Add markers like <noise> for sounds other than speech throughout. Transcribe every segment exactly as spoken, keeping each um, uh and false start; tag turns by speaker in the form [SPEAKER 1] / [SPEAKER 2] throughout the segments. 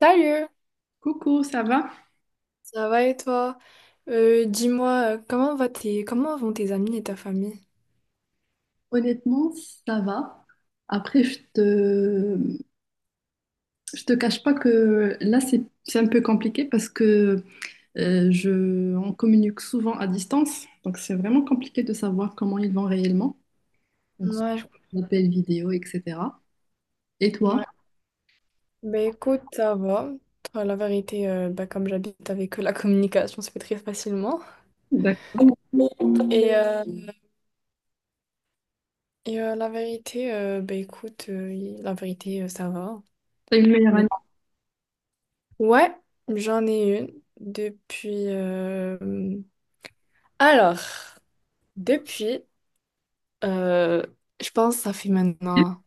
[SPEAKER 1] Salut!
[SPEAKER 2] Coucou, ça va?
[SPEAKER 1] Ça va et toi? Euh, dis-moi, euh, comment va tes... comment vont tes amis et ta famille?
[SPEAKER 2] Honnêtement, ça va. Après, je te, je te cache pas que là, c'est, c'est un peu compliqué parce que euh, je, on communique souvent à distance. Donc, c'est vraiment compliqué de savoir comment ils vont réellement. Donc, soit
[SPEAKER 1] Ouais,
[SPEAKER 2] on appelle vidéo, et cetera. Et
[SPEAKER 1] je-
[SPEAKER 2] toi?
[SPEAKER 1] ouais. Bah écoute, ça va. Enfin, la vérité, euh, bah, comme j'habite avec eux, la communication se fait très facilement.
[SPEAKER 2] D'accord.
[SPEAKER 1] Et, euh, et euh, la vérité, euh, bah écoute, euh, y- la vérité, euh, ça va.
[SPEAKER 2] T'as une meilleure
[SPEAKER 1] Le...
[SPEAKER 2] année?
[SPEAKER 1] Ouais, j'en ai une depuis... euh, alors, depuis, euh, je pense que ça fait maintenant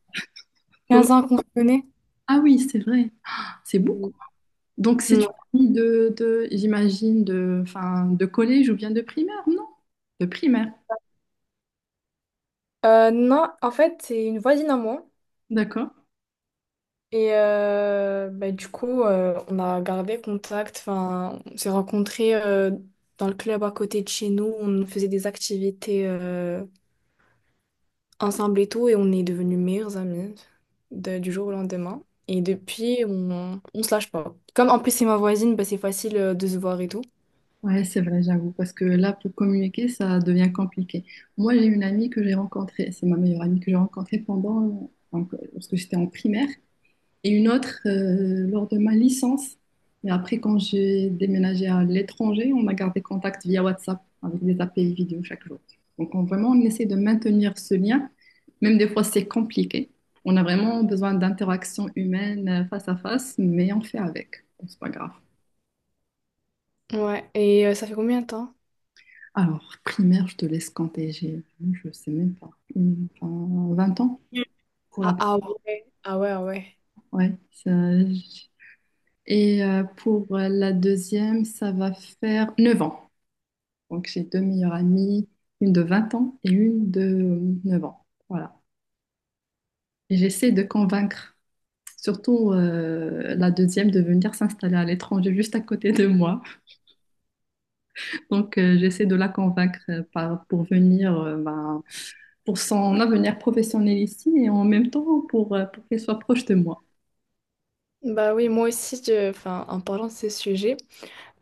[SPEAKER 2] Donc-
[SPEAKER 1] quinze ans qu'on se connaît.
[SPEAKER 2] ah oui, c'est vrai, c'est beaucoup. Donc, c'est une
[SPEAKER 1] Non.
[SPEAKER 2] famille de, de- j'imagine, de, enfin, de collège ou bien de primaire, non? De primaire,
[SPEAKER 1] Euh, non, en fait, c'est une voisine à moi.
[SPEAKER 2] d'accord.
[SPEAKER 1] Et euh, bah, du coup, euh, on a gardé contact. Enfin, on s'est rencontrés euh, dans le club à côté de chez nous. On faisait des activités euh, ensemble et tout. Et on est devenus meilleurs amis de- du jour au lendemain. Et depuis, on, on se lâche pas. Comme en plus, c'est ma voisine, bah, c'est facile euh, de se voir et tout.
[SPEAKER 2] Ouais, c'est vrai, j'avoue, parce que là, pour communiquer, ça devient compliqué. Moi, j'ai une amie que j'ai rencontrée, c'est ma meilleure amie que j'ai rencontrée pendant, donc, euh, lorsque j'étais en primaire, et une autre euh, lors de ma licence. Et après, quand j'ai déménagé à l'étranger, on a gardé contact via WhatsApp avec des appels vidéo chaque jour. Donc, on- vraiment, on essaie de maintenir ce lien, même des fois, c'est compliqué. On a vraiment besoin d'interaction humaine euh, face à face, mais on fait avec. Bon, c'est pas grave.
[SPEAKER 1] Ouais. Et euh, ça fait combien de temps?
[SPEAKER 2] Alors, primaire, je te laisse compter. J'ai, je sais même pas, une- enfin, vingt ans
[SPEAKER 1] Mm.
[SPEAKER 2] pour la
[SPEAKER 1] Ah, ah ouais, ah ouais, ah ouais.
[SPEAKER 2] ouais. Ça- j- et euh, pour la deuxième, ça va faire neuf ans. Donc, j'ai deux meilleures amies, une de vingt ans et une de euh, neuf ans. Voilà. Et j'essaie de convaincre, surtout euh, la deuxième, de venir s'installer à l'étranger juste à côté de moi. Donc, euh, j'essaie de la convaincre euh, par- pour venir, euh, ben, pour son avenir professionnel ici et en même temps pour, euh, pour qu'elle soit proche de moi.
[SPEAKER 1] Bah oui, moi aussi, je- enfin, en parlant de ce sujet.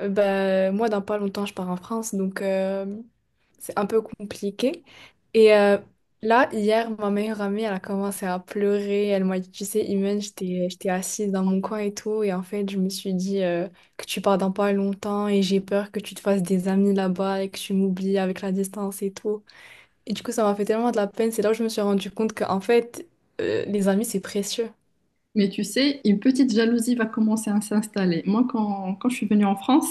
[SPEAKER 1] Euh, bah, moi, dans pas longtemps, je pars en France, donc euh, c'est un peu compliqué. Et euh, là, hier, ma meilleure amie, elle a commencé à pleurer. Elle m'a dit, tu sais, Imen, j'étais, j'étais assise dans mon coin et tout. Et en fait, je me suis dit euh, que tu pars dans pas longtemps et j'ai peur que tu te fasses des amis là-bas et que tu m'oublies avec la distance et tout. Et du coup, ça m'a fait tellement de la peine. C'est là où je me suis rendu compte qu'en fait, euh, les amis, c'est précieux.
[SPEAKER 2] Mais tu sais, une petite jalousie va commencer à s'installer. Moi, quand, quand je suis venue en France,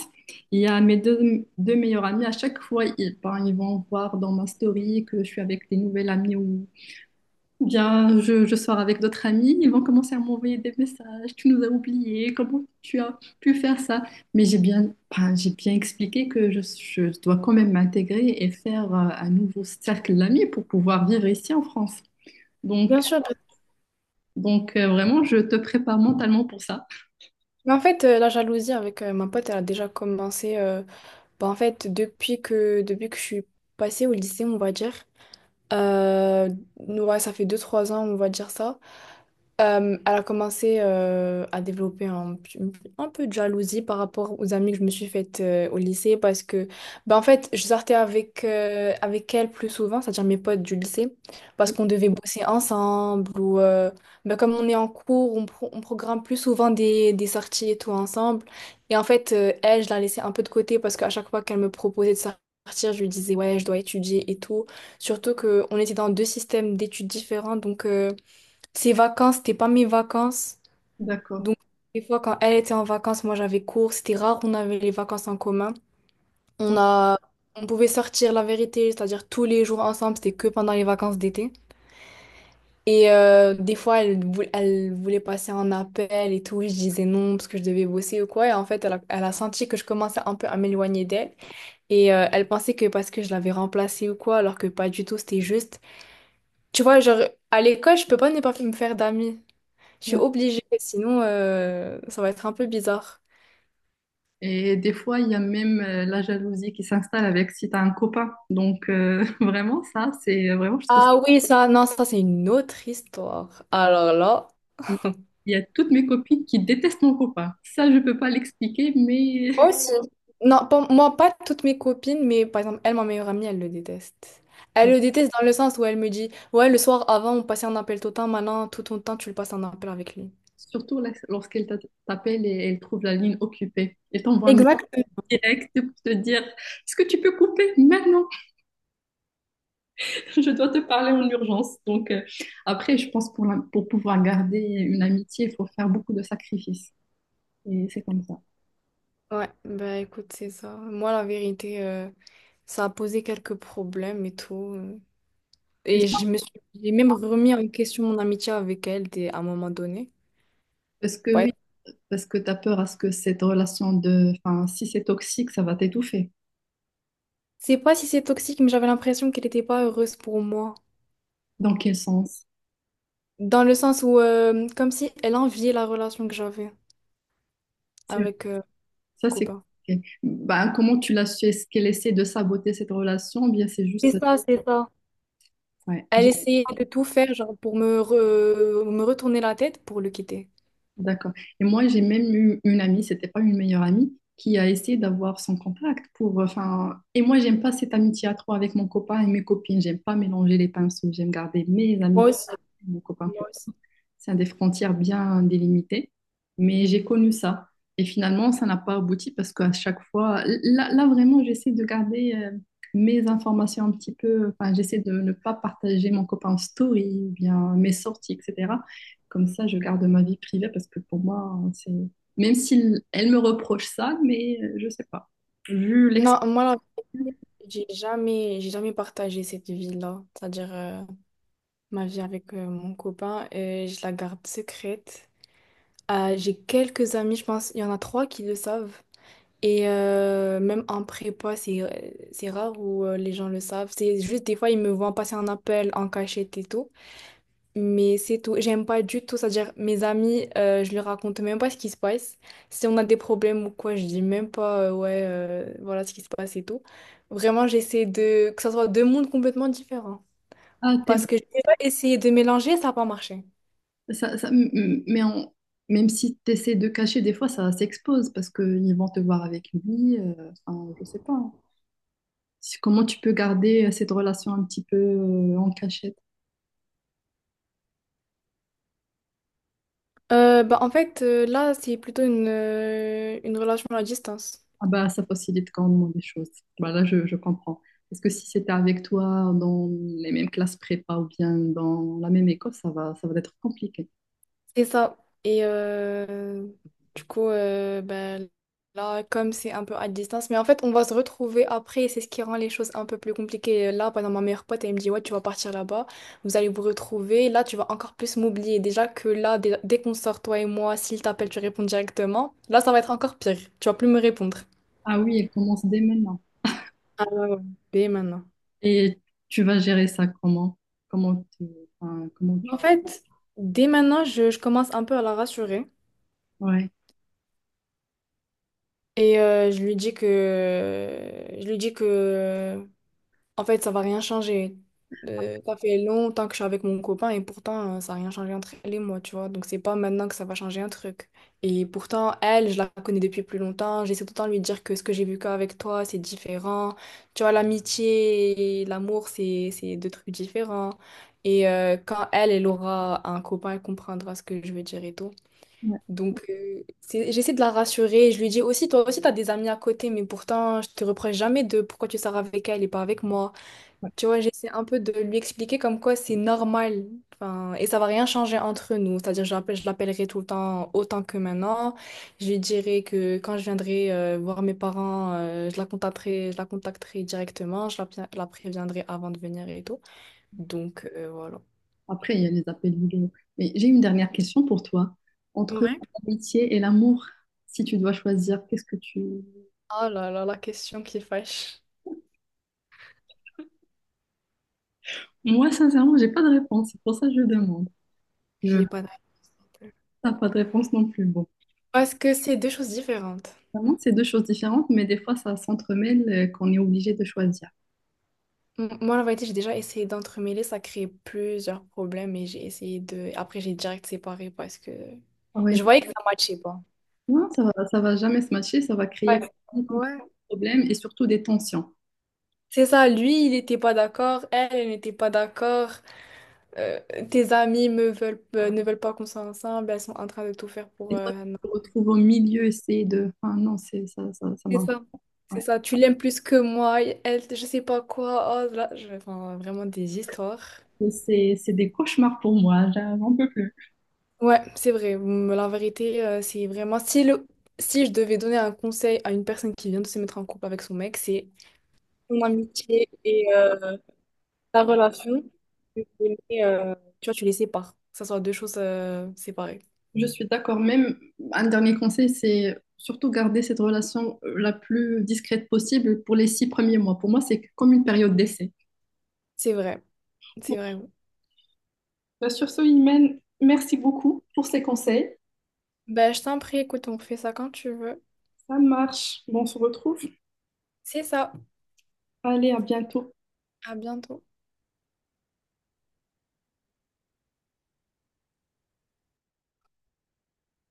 [SPEAKER 2] il y a mes deux, deux meilleurs amis, à chaque fois, ils, ben, ils vont voir dans ma story que je suis avec des nouvelles amies ou bien, je, je sors avec d'autres amis, ils vont commencer à m'envoyer des messages. Tu nous as oubliés, comment tu as pu faire ça? Mais j'ai bien, ben, j'ai bien expliqué que je, je dois quand même m'intégrer et faire euh, un nouveau cercle d'amis pour pouvoir vivre ici en France. Donc,
[SPEAKER 1] Bien sûr.
[SPEAKER 2] donc euh, vraiment, je te prépare mentalement pour ça.
[SPEAKER 1] Mais en fait, euh, la jalousie avec euh, ma pote, elle a déjà commencé. euh, Bah, en fait, depuis que, depuis que je suis passée au lycée, on va dire, euh, ouais, ça fait deux trois ans, on va dire ça, euh, elle a commencé euh, à développer un, p- un peu de jalousie par rapport aux amis que je me suis faites euh, au lycée parce que, bah, en fait, je sortais avec, euh, avec elle plus souvent, c'est-à-dire mes potes du lycée, parce qu'on devait bosser ensemble ou euh, bah, comme on est en cours, on, pro- on programme plus souvent des, des sorties et tout ensemble. Et en fait, euh, elle, je la laissais un peu de côté parce qu'à chaque fois qu'elle me proposait de sortir, je lui disais, ouais, je dois étudier et tout. Surtout qu'on était dans deux systèmes d'études différents, donc... euh, ses vacances, c'était pas mes vacances.
[SPEAKER 2] D'accord.
[SPEAKER 1] Donc, des fois, quand elle était en vacances, moi j'avais cours. C'était rare, on avait les vacances en commun. On
[SPEAKER 2] Donc,
[SPEAKER 1] a... on pouvait sortir la vérité, c'est-à-dire tous les jours ensemble, c'était que pendant les vacances d'été. Et euh, des fois, elle, vou- elle voulait passer en appel et tout. Je disais non parce que je devais bosser ou quoi. Et en fait, elle a, elle a senti que je commençais un peu à m'éloigner d'elle. Et euh, elle pensait que parce que je l'avais remplacée ou quoi, alors que pas du tout, c'était juste. Tu vois, genre, à l'école, je peux pas ne pas me faire d'amis. Je suis
[SPEAKER 2] ouais.
[SPEAKER 1] obligée, sinon euh, ça va être un peu bizarre.
[SPEAKER 2] Et des fois, il y a même euh, la jalousie qui s'installe avec si tu as un copain. Donc, euh, <laughs> vraiment, ça, c'est vraiment, je trouve
[SPEAKER 1] Ah oui, ça, non, ça c'est une autre histoire. Alors là.
[SPEAKER 2] Il il y a toutes mes copines qui détestent mon copain. Ça, je peux pas l'expliquer, mais
[SPEAKER 1] Moi aussi. Non, pas- moi, pas toutes mes copines, mais par exemple, elle, ma meilleure amie, elle le déteste. Elle le
[SPEAKER 2] <laughs>
[SPEAKER 1] déteste dans le sens où elle me dit, ouais, le soir avant, on passait un appel tout le temps, maintenant, tout ton temps, tu le passes en appel avec lui.
[SPEAKER 2] surtout la- lorsqu'elle t'a- t'appelle et elle trouve la ligne occupée. Elle t'envoie un
[SPEAKER 1] Exact.
[SPEAKER 2] message direct pour te dire, est-ce que tu peux couper maintenant? <laughs> Je dois te parler en urgence. Donc, euh, après, je pense pour, la- pour pouvoir garder une amitié, il faut faire beaucoup de sacrifices. Et c'est comme ça.
[SPEAKER 1] Ouais, bah écoute, c'est ça. Moi, la vérité, euh, ça a posé quelques problèmes et tout. euh.
[SPEAKER 2] Et
[SPEAKER 1] Et je me suis, j'ai même remis en question mon amitié avec elle des- à un moment donné.
[SPEAKER 2] parce que oui, parce que tu as peur à ce que cette relation de, enfin, si c'est toxique, ça va t'étouffer.
[SPEAKER 1] C'est pas si c'est toxique, mais j'avais l'impression qu'elle était pas heureuse pour moi.
[SPEAKER 2] Dans quel sens?
[SPEAKER 1] Dans le sens où, euh, comme si elle enviait la relation que j'avais avec euh, mon
[SPEAKER 2] Ça, c'est
[SPEAKER 1] copain.
[SPEAKER 2] compliqué. Ben, comment tu l'as su? Est-ce qu'elle essaie de saboter cette relation? Ou bien, c'est
[SPEAKER 1] C'est
[SPEAKER 2] juste.
[SPEAKER 1] ça, c'est ça.
[SPEAKER 2] Ouais,
[SPEAKER 1] Elle
[SPEAKER 2] j'ai-
[SPEAKER 1] essayait de tout faire, genre, pour me, re- me retourner la tête pour le quitter.
[SPEAKER 2] d'accord. Et moi, j'ai même eu une amie, c'était pas une meilleure amie, qui a essayé d'avoir son contact pour. Enfin, et moi, j'aime pas cette amitié à trois avec mon copain et mes copines. J'aime pas mélanger les pinceaux. J'aime garder mes
[SPEAKER 1] Moi
[SPEAKER 2] amis,
[SPEAKER 1] aussi.
[SPEAKER 2] et mon copain.
[SPEAKER 1] Moi aussi.
[SPEAKER 2] C'est des frontières bien délimitées. Mais j'ai connu ça. Et finalement, ça n'a pas abouti parce qu'à chaque fois, là, là, vraiment, j'essaie de garder euh, mes informations un petit peu. Enfin, j'essaie de ne pas partager mon copain en story, ou bien mes sorties, et cetera. Comme ça, je garde ma vie privée parce que pour moi, c'est. Même si elle me reproche ça, mais euh, je sais pas. Vu
[SPEAKER 1] Non,
[SPEAKER 2] l'expérience.
[SPEAKER 1] moi, là, j'ai jamais, j'ai jamais partagé cette vie-là. C'est-à-dire, euh, ma vie avec euh, mon copain, euh, je la garde secrète. Euh, j'ai quelques amis, je pense, il y en a trois qui le savent. Et euh, même en prépa, c'est, euh, c'est rare où euh, les gens le savent. C'est juste des fois, ils me voient passer un appel en cachette et tout. Mais c'est tout. J'aime pas du tout. C'est-à-dire, mes amis, euh, je leur raconte même pas ce qui se passe. Si on a des problèmes ou quoi, je dis même pas, euh, ouais, euh, voilà ce qui se passe et tout. Vraiment, j'essaie de... que ça soit deux mondes complètement différents.
[SPEAKER 2] Ah,
[SPEAKER 1] Parce
[SPEAKER 2] t'es
[SPEAKER 1] que j'ai déjà essayé de mélanger, ça n'a pas marché.
[SPEAKER 2] Ça, ça- m- m- mais en- Même si tu essaies de cacher, des fois, ça s'expose parce qu'ils vont te voir avec lui. Euh, enfin, je sais pas, hein. Si- Comment tu peux garder euh, cette relation un petit peu euh, en cachette?
[SPEAKER 1] Euh, bah, en fait, euh, là, c'est plutôt une, euh, une relation à distance.
[SPEAKER 2] Ah bah, ça facilite grandement les choses. Voilà, je, je comprends. Parce que si c'était avec toi dans les mêmes classes prépa ou bien dans la même école, ça va, ça va être compliqué.
[SPEAKER 1] C'est ça. Et euh, du coup, euh, ben, là, comme c'est un peu à distance, mais en fait, on va se retrouver après, et c'est ce qui rend les choses un peu plus compliquées. Là, pendant ma meilleure pote, elle me dit, ouais, tu vas partir là-bas, vous allez vous retrouver, là, tu vas encore plus m'oublier. Déjà que là, dès, dès qu'on sort, toi et moi, s'il t'appelle, tu réponds directement. Là, ça va être encore pire. Tu vas plus me répondre.
[SPEAKER 2] Ah oui, elle commence dès maintenant.
[SPEAKER 1] Ah ouais, ouais, dès maintenant.
[SPEAKER 2] Et tu vas gérer ça comment? Comment tu... enfin, comment tu...
[SPEAKER 1] En fait, dès maintenant, je, je commence un peu à la rassurer.
[SPEAKER 2] Ouais.
[SPEAKER 1] Et euh, je lui dis que je lui dis que En fait, ça va rien changer. Euh, ça fait longtemps que je suis avec mon copain et pourtant, euh, ça n'a rien changé entre elle et moi, tu vois. Donc, c'est pas maintenant que ça va changer un truc. Et pourtant, elle, je la connais depuis plus longtemps. J'essaie tout le temps de lui dire que ce que j'ai vu qu'avec toi, c'est différent. Tu vois, l'amitié et l'amour, c'est, c'est deux trucs différents. Et euh, quand elle, elle aura un copain, elle comprendra ce que je veux dire et tout.
[SPEAKER 2] Ouais.
[SPEAKER 1] Donc, euh, c'est- j'essaie de la rassurer. Je lui dis aussi, toi aussi, tu as des amis à côté, mais pourtant, je te reproche jamais de pourquoi tu sors avec elle et pas avec moi. Tu vois, j'essaie un peu de lui expliquer comme quoi c'est normal. Enfin, et ça va rien changer entre nous. C'est-à-dire, je l'appelle- je l'appellerai tout le temps autant que maintenant. Je lui dirai que quand je viendrai euh, voir mes parents, euh, je la contacterai, je la contacterai directement. Je la, pré- la préviendrai avant de venir et tout. Donc, euh, voilà.
[SPEAKER 2] Après, il y a les appels vidéo. Mais j'ai une dernière question pour toi. Entre
[SPEAKER 1] Ouais.
[SPEAKER 2] l'amitié et l'amour, si tu dois choisir, qu'est-ce que tu...
[SPEAKER 1] Ah là là, la question qui fâche.
[SPEAKER 2] Moi, sincèrement, j'ai pas de réponse. C'est pour ça que je demande. Je
[SPEAKER 1] J'ai pas de réponse.
[SPEAKER 2] T'as pas de réponse non plus. Bon,
[SPEAKER 1] Parce que c'est deux choses différentes.
[SPEAKER 2] vraiment, c'est deux choses différentes, mais des fois, ça s'entremêle euh, qu'on est obligé de choisir.
[SPEAKER 1] M- Moi, la vérité, j'ai déjà essayé d'entremêler, ça crée plusieurs problèmes et j'ai essayé de... après, j'ai direct séparé parce que
[SPEAKER 2] Ah ouais.
[SPEAKER 1] je voyais que ça matchait pas.
[SPEAKER 2] Non, ça va, ça va jamais se matcher. Ça va créer
[SPEAKER 1] Ouais.
[SPEAKER 2] des
[SPEAKER 1] Ouais.
[SPEAKER 2] problèmes et surtout des tensions.
[SPEAKER 1] C'est ça, lui, il n'était pas d'accord, elle, elle n'était pas d'accord. euh, tes amis me veulent, euh, ne veulent pas qu'on soit ensemble, elles sont en train de tout faire pour...
[SPEAKER 2] Et toi,
[SPEAKER 1] euh, non.
[SPEAKER 2] tu te retrouves au milieu, c'est de... Enfin, non, c'est ça, ça, ça
[SPEAKER 1] C'est
[SPEAKER 2] m'a...
[SPEAKER 1] ça. C'est
[SPEAKER 2] ouais.
[SPEAKER 1] ça, tu l'aimes plus que moi, elle, je sais pas quoi. Oh là, je... enfin, vraiment des histoires.
[SPEAKER 2] C'est c'est des cauchemars pour moi. J'en peux plus.
[SPEAKER 1] Ouais, c'est vrai. Hum, La vérité, euh, c'est vraiment... Si, le... si je devais donner un conseil à une personne qui vient de se mettre en couple avec son mec, c'est ton amitié et euh, ta relation, tu les euh, tu vois, tu les sépares. Que ce soit deux choses euh, séparées.
[SPEAKER 2] Je suis d'accord. Même un dernier conseil, c'est surtout garder cette relation euh, la plus discrète possible pour les six premiers mois. Pour moi, c'est comme une période d'essai.
[SPEAKER 1] C'est vrai.
[SPEAKER 2] Bon,
[SPEAKER 1] C'est vrai.
[SPEAKER 2] bah, sur ce, Imen, merci beaucoup pour ces conseils.
[SPEAKER 1] Ben, je t'en prie, écoute, on fait ça quand tu veux.
[SPEAKER 2] Ça marche. Bon, on se retrouve.
[SPEAKER 1] C'est ça.
[SPEAKER 2] Allez, à bientôt.
[SPEAKER 1] À bientôt.